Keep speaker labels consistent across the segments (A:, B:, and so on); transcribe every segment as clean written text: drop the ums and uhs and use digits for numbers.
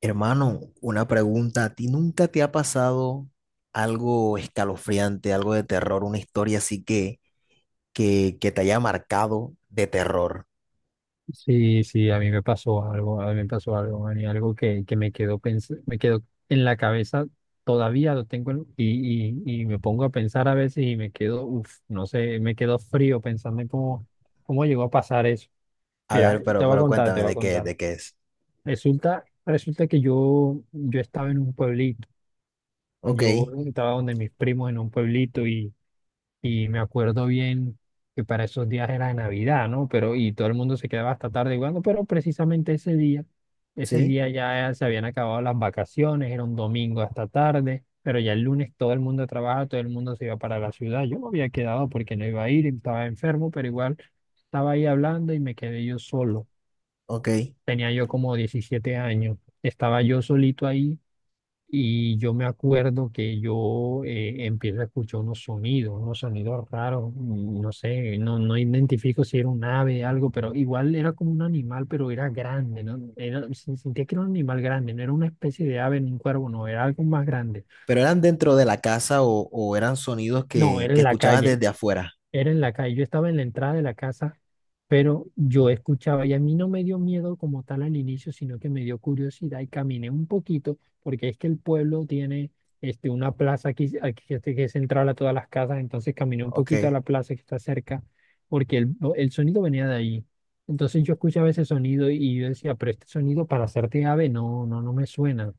A: Hermano, una pregunta. ¿A ti nunca te ha pasado algo escalofriante, algo de terror, una historia así que te haya marcado de terror?
B: Sí, sí, a mí me pasó algo, a mí me pasó algo, Manny, algo que me quedó me quedó en la cabeza, todavía lo tengo y me pongo a pensar a veces y me quedo, uff, no sé, me quedo frío pensando en cómo llegó a pasar eso.
A: A
B: Mira,
A: ver,
B: te
A: pero,
B: voy a
A: pero
B: contar, te
A: cuéntame
B: voy a
A: de qué,
B: contar.
A: de qué es.
B: Resulta que yo estaba en un pueblito,
A: Ok,
B: yo estaba donde mis primos en un pueblito y me acuerdo bien que para esos días era Navidad, ¿no? Pero y todo el mundo se quedaba hasta tarde jugando, pero precisamente ese
A: sí,
B: día ya se habían acabado las vacaciones, era un domingo hasta tarde, pero ya el lunes todo el mundo trabaja, todo el mundo se iba para la ciudad. Yo me había quedado porque no iba a ir, estaba enfermo, pero igual estaba ahí hablando y me quedé yo solo.
A: ok.
B: Tenía yo como 17 años, estaba yo solito ahí y yo me acuerdo que yo empiezo a escuchar unos sonidos raros, no sé, no identifico si era un ave, algo, pero igual era como un animal, pero era grande, ¿no? Era, sentía que era un animal grande, no era una especie de ave ni un cuervo, no, era algo más grande.
A: ¿Pero eran dentro de la casa o eran sonidos
B: No,
A: que,
B: era
A: que
B: en la
A: escuchabas
B: calle.
A: desde afuera?
B: Era en la calle, yo estaba en la entrada de la casa, pero yo escuchaba y a mí no me dio miedo como tal al inicio, sino que me dio curiosidad y caminé un poquito, porque es que el pueblo tiene este, una plaza aquí que este, que es central a todas las casas, entonces caminé un poquito a
A: Ok.
B: la plaza que está cerca, porque el sonido venía de ahí. Entonces yo escuchaba ese sonido y yo decía, pero este sonido para hacerte ave no, no me suena,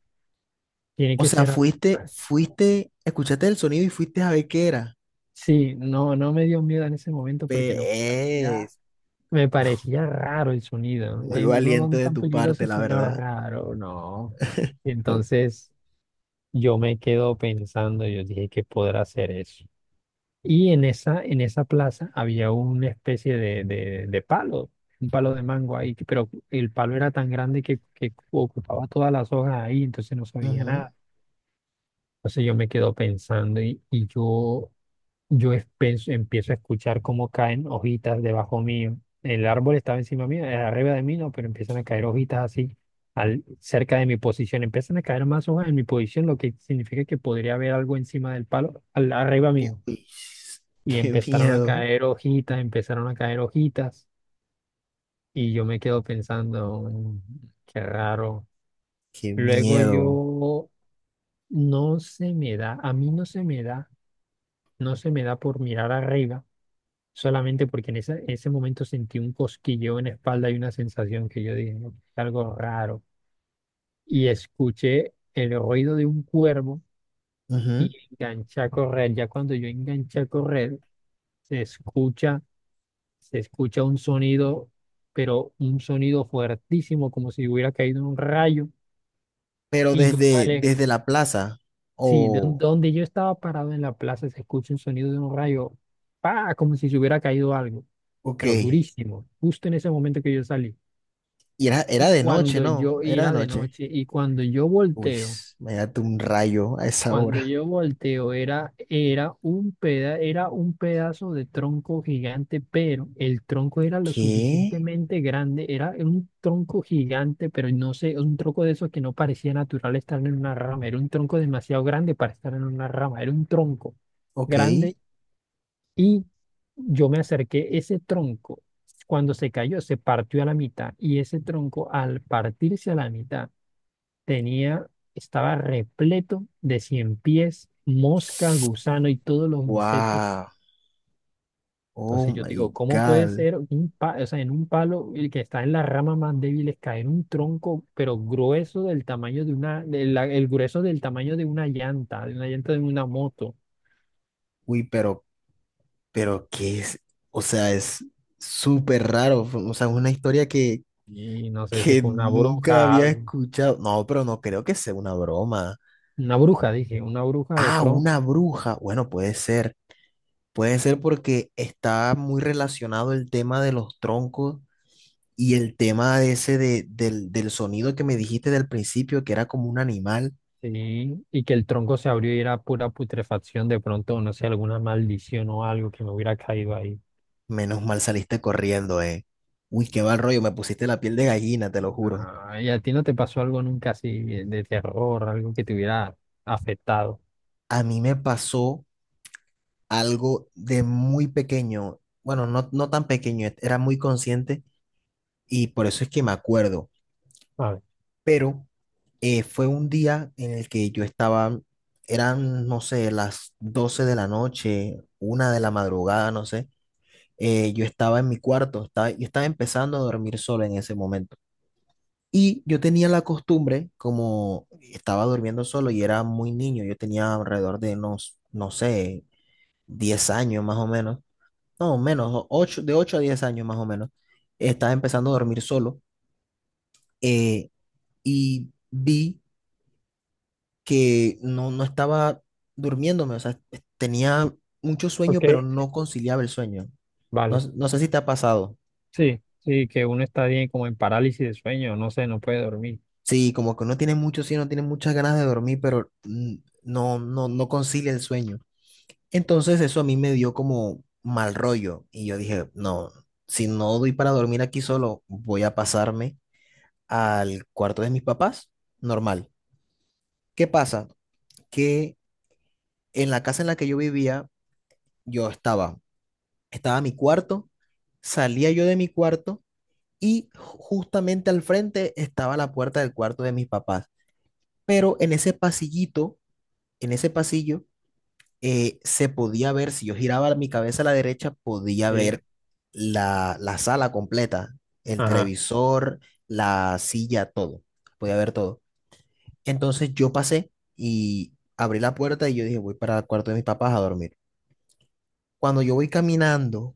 B: tiene
A: O
B: que
A: sea,
B: ser algo
A: fuiste,
B: más.
A: fuiste, escuchaste el sonido y fuiste a ver qué era.
B: Sí, no, no me dio miedo en ese momento porque no parecía.
A: Ves,
B: Me parecía raro el sonido,
A: muy valiente
B: no
A: de
B: tan
A: tu parte,
B: peligroso,
A: la
B: sino
A: verdad.
B: raro, no.
A: Ok.
B: Entonces yo me quedo pensando, yo dije, ¿qué podrá ser eso? Y en en esa plaza había una especie de, de palo, un palo de mango ahí, que- pero el palo era tan grande que ocupaba todas las hojas ahí, entonces no se veía nada. Entonces yo me quedo pensando y yo empiezo a escuchar cómo caen hojitas debajo mío. El árbol estaba encima mío, arriba de mí, no, pero empiezan a caer hojitas así, cerca de mi posición. Empiezan a caer más hojas en mi posición, lo que significa que podría haber algo encima del palo, arriba mío.
A: Uy,
B: Y
A: qué
B: empezaron a
A: miedo,
B: caer hojitas, empezaron a caer hojitas. Y yo me quedo pensando, "Mm, qué raro."
A: qué
B: Luego
A: miedo.
B: yo, no se me da, a mí no se me da, no se me da por mirar arriba solamente porque en en ese momento sentí un cosquilleo en la espalda y una sensación que yo dije, "No, algo raro." Y escuché el ruido de un cuervo y
A: Ujú.
B: enganché a correr. Ya cuando yo enganché a correr, se escucha, se escucha un sonido, pero un sonido fuertísimo, como si hubiera caído un rayo.
A: Pero
B: Y yo
A: desde,
B: paré,
A: desde la plaza.
B: sí, de
A: O
B: donde yo estaba parado en la plaza, se escucha un sonido de un rayo, ¡pa! Como si se hubiera caído algo,
A: ok.
B: pero durísimo, justo en ese momento que yo salí.
A: Y era,
B: Y
A: era de noche,
B: cuando
A: ¿no?
B: yo
A: Era de
B: era de
A: noche.
B: noche y
A: Uy, me date un rayo a esa
B: cuando
A: hora.
B: yo volteo era, era un peda, era un pedazo de tronco gigante, pero el tronco era lo
A: ¿Qué?
B: suficientemente grande, era un tronco gigante, pero no sé, un tronco de esos que no parecía natural estar en una rama, era un tronco demasiado grande para estar en una rama, era un tronco
A: Ok.
B: grande y yo me acerqué, ese tronco, cuando se cayó, se partió a la mitad y ese tronco al partirse a la mitad, tenía, estaba repleto de cien pies, moscas, gusanos y todos los insectos.
A: Wow. Oh
B: Entonces yo
A: my
B: digo, ¿cómo puede
A: God.
B: ser un o sea, en un palo el que está en las ramas más débiles caer un tronco, pero grueso del tamaño de una, de el grueso del tamaño de una llanta, de una llanta de una moto?
A: Uy, pero ¿qué es? O sea, es súper raro. O sea, es una historia que,
B: Y no sé si
A: que
B: fue una
A: nunca
B: bruja,
A: había
B: algo.
A: escuchado. No, pero no creo que sea una broma.
B: Una bruja, dije, una bruja de
A: Ah,
B: pronto.
A: una bruja. Bueno, puede ser. Puede ser porque está muy relacionado el tema de los troncos y el tema de ese del sonido que me dijiste del principio, que era como un animal.
B: Sí, y que el tronco se abrió y era pura putrefacción de pronto, no sé, alguna maldición o algo que me hubiera caído ahí.
A: Menos mal saliste corriendo, eh. Uy, qué mal rollo, me pusiste la piel de gallina, te lo juro.
B: Ah, ¿y a ti no te pasó algo nunca así de terror, algo que te hubiera afectado?
A: A mí me pasó algo de muy pequeño. Bueno, no, no tan pequeño, era muy consciente y por eso es que me acuerdo.
B: Vale,
A: Pero fue un día en el que yo estaba, eran, no sé, las 12 de la noche, 1 de la madrugada, no sé. Yo estaba en mi cuarto, estaba, yo estaba empezando a dormir solo en ese momento. Y yo tenía la costumbre, como estaba durmiendo solo y era muy niño, yo tenía alrededor de unos, no sé, 10 años más o menos, no, menos, 8 de 8 a 10 años más o menos, estaba empezando a dormir solo eh, y vi que no, no estaba durmiéndome, o sea, tenía mucho
B: ok,
A: sueño, pero no conciliaba el sueño. No,
B: vale.
A: no sé si te ha pasado.
B: Sí, sí, que uno está bien como en parálisis de sueño, no sé, no puede dormir.
A: Sí, como que uno tiene mucho sueño, tiene muchas ganas de dormir, pero no concilia el sueño. Entonces eso a mí me dio como mal rollo y yo dije, no, si no doy para dormir aquí solo, voy a pasarme al cuarto de mis papás, normal. ¿Qué pasa? Que en la casa en la que yo vivía, yo estaba, estaba mi cuarto, salía yo de mi cuarto y justamente al frente estaba la puerta del cuarto de mis papás. Pero en ese pasillito, en ese pasillo, se podía ver, si yo giraba mi cabeza a la derecha, podía
B: Sí.
A: ver la, la sala completa, el
B: Ajá.
A: televisor, la silla, todo. Podía ver todo. Entonces yo pasé y abrí la puerta y yo dije, voy para el cuarto de mis papás a dormir. Cuando yo voy caminando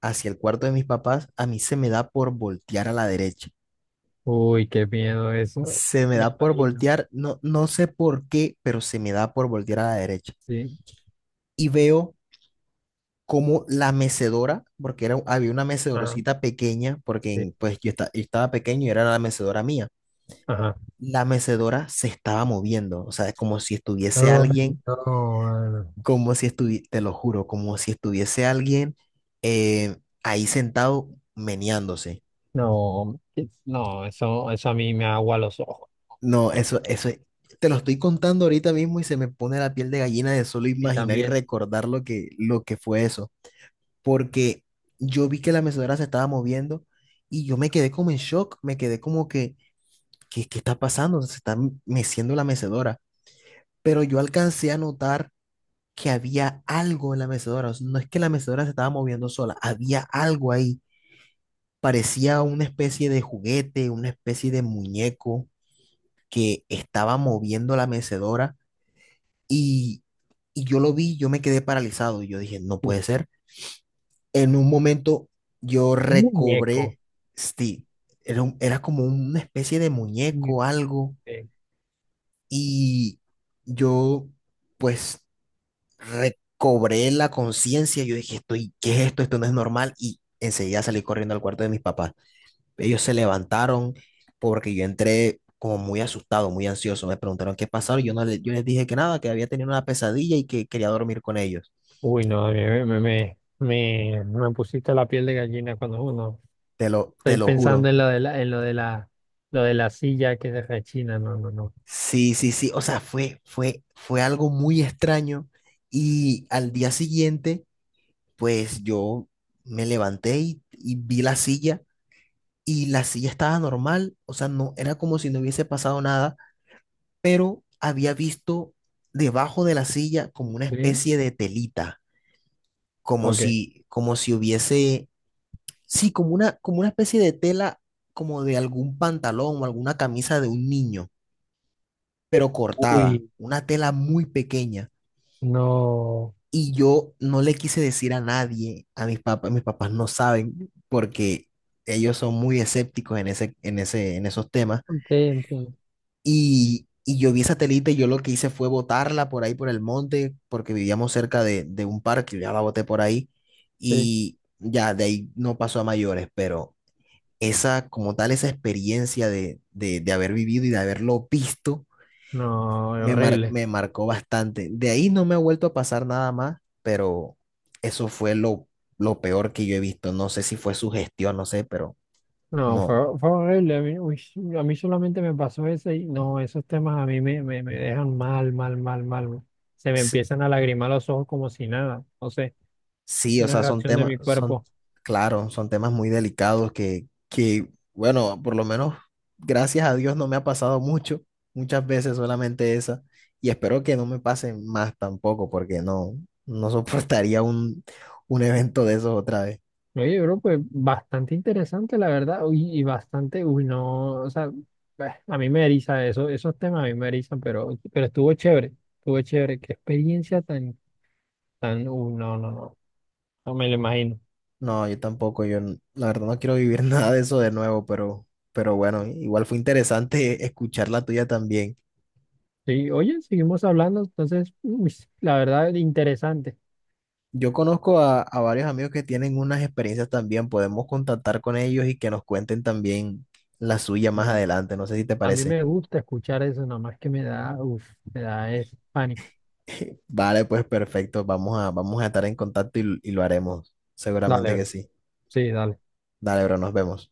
A: hacia el cuarto de mis papás, a mí se me da por voltear a la derecha.
B: Uy, qué miedo eso.
A: Se me
B: Me
A: da por
B: imagino.
A: voltear, no, no sé por qué, pero se me da por voltear a la derecha.
B: Sí,
A: Y veo como la mecedora, porque era, había una
B: ajá,
A: mecedorcita pequeña, porque
B: sí,
A: pues yo, yo estaba pequeño y era la mecedora mía.
B: ajá.
A: La mecedora se estaba moviendo, o sea, como si
B: Ay,
A: estuviese alguien,
B: no, mano.
A: como si estuviese, te lo juro, como si estuviese alguien eh, ahí sentado meneándose.
B: No, que- no, eso a mí me agua los ojos.
A: No, eso, te lo estoy contando ahorita mismo y se me pone la piel de gallina de solo
B: Y
A: imaginar y
B: también,
A: recordar lo que fue eso. Porque yo vi que la mecedora se estaba moviendo y yo me quedé como en shock, me quedé como que, ¿qué, qué está pasando? Se está meciendo la mecedora. Pero yo alcancé a notar que había algo en la mecedora. O sea, no es que la mecedora se estaba moviendo sola, había algo ahí. Parecía una especie de juguete, una especie de muñeco que estaba moviendo la mecedora. Y, y yo lo vi, yo me quedé paralizado. Y yo dije, no
B: uf,
A: puede ser. En un momento yo
B: un muñeco.
A: recobré Steve. Era, era como una especie de muñeco, algo. Y yo, pues, recobré la conciencia. Yo dije, estoy, ¿qué es esto? Esto no es normal. Y enseguida salí corriendo al cuarto de mis papás. Ellos se levantaron porque yo entré como muy asustado, muy ansioso. Me preguntaron qué pasaba. Y yo no le- yo les dije que nada, que había tenido una pesadilla y que quería dormir con ellos.
B: Uy, no, a mí me pusiste la piel de gallina cuando uno
A: Te lo, te
B: estoy
A: lo
B: pensando
A: juro.
B: en lo de en lo de lo de la silla que se rechina, no, no, no.
A: Sí, sí, sí. O sea, fue algo muy extraño. Y al día siguiente, pues yo me levanté y vi la silla y la silla estaba normal. O sea, no era como si no hubiese pasado nada, pero había visto debajo de la silla como una
B: ¿Sí?
A: especie de telita,
B: Ok.
A: como si hubiese, sí, como una especie de tela, como de algún pantalón o alguna camisa de un niño, pero cortada,
B: Uy,
A: una tela muy pequeña.
B: no.
A: Y yo no le quise decir a nadie, a mis papás no saben porque ellos son muy escépticos en ese, en esos temas.
B: Ok, entiendo.
A: Y yo vi esa telita y yo lo que hice fue botarla por ahí por el monte porque vivíamos cerca de un parque, ya la boté por ahí
B: Sí.
A: y ya de ahí no pasó a mayores, pero esa como tal, esa experiencia de haber vivido y de haberlo visto
B: No,
A: me,
B: horrible.
A: me marcó bastante. De ahí no me ha vuelto a pasar nada más, pero eso fue lo peor que yo he visto. No sé si fue su gestión, no sé, pero
B: No, fue,
A: no.
B: fue horrible. A mí, uy, a mí solamente me pasó eso y no, esos temas a mí me dejan mal, mal, mal, mal. Se me
A: S-
B: empiezan a lagrimar los ojos como si nada. No sé,
A: Sí, o
B: una
A: sea, son
B: reacción de
A: temas,
B: mi
A: son,
B: cuerpo.
A: claro, son temas muy delicados bueno, por lo menos, gracias a Dios no me ha pasado mucho, muchas veces solamente esa, y espero que no me pasen más tampoco, porque no, no soportaría un evento de esos otra vez.
B: Oye, bro, pues bastante interesante, la verdad, uy, y bastante, uy, no, o sea, bah, a mí me eriza eso, esos temas a mí me erizan, pero estuvo chévere, qué experiencia tan, tan, uy, no, no, no, no me lo imagino.
A: No, yo tampoco, yo la verdad no quiero vivir nada de eso de nuevo, pero bueno, igual fue interesante escuchar la tuya también.
B: Sí, oye, seguimos hablando, entonces, uy, la verdad, interesante.
A: Yo conozco a varios amigos que tienen unas experiencias también, podemos contactar con ellos y que nos cuenten también la suya más
B: Mm.
A: adelante, no sé si te
B: A mí
A: parece.
B: me gusta escuchar eso, nada más que me da, uff, me da es pánico.
A: Vale, pues perfecto, vamos a, vamos a estar en contacto y lo haremos,
B: Dale,
A: seguramente que
B: bro.
A: sí.
B: Sí, dale.
A: Dale, bro, nos vemos.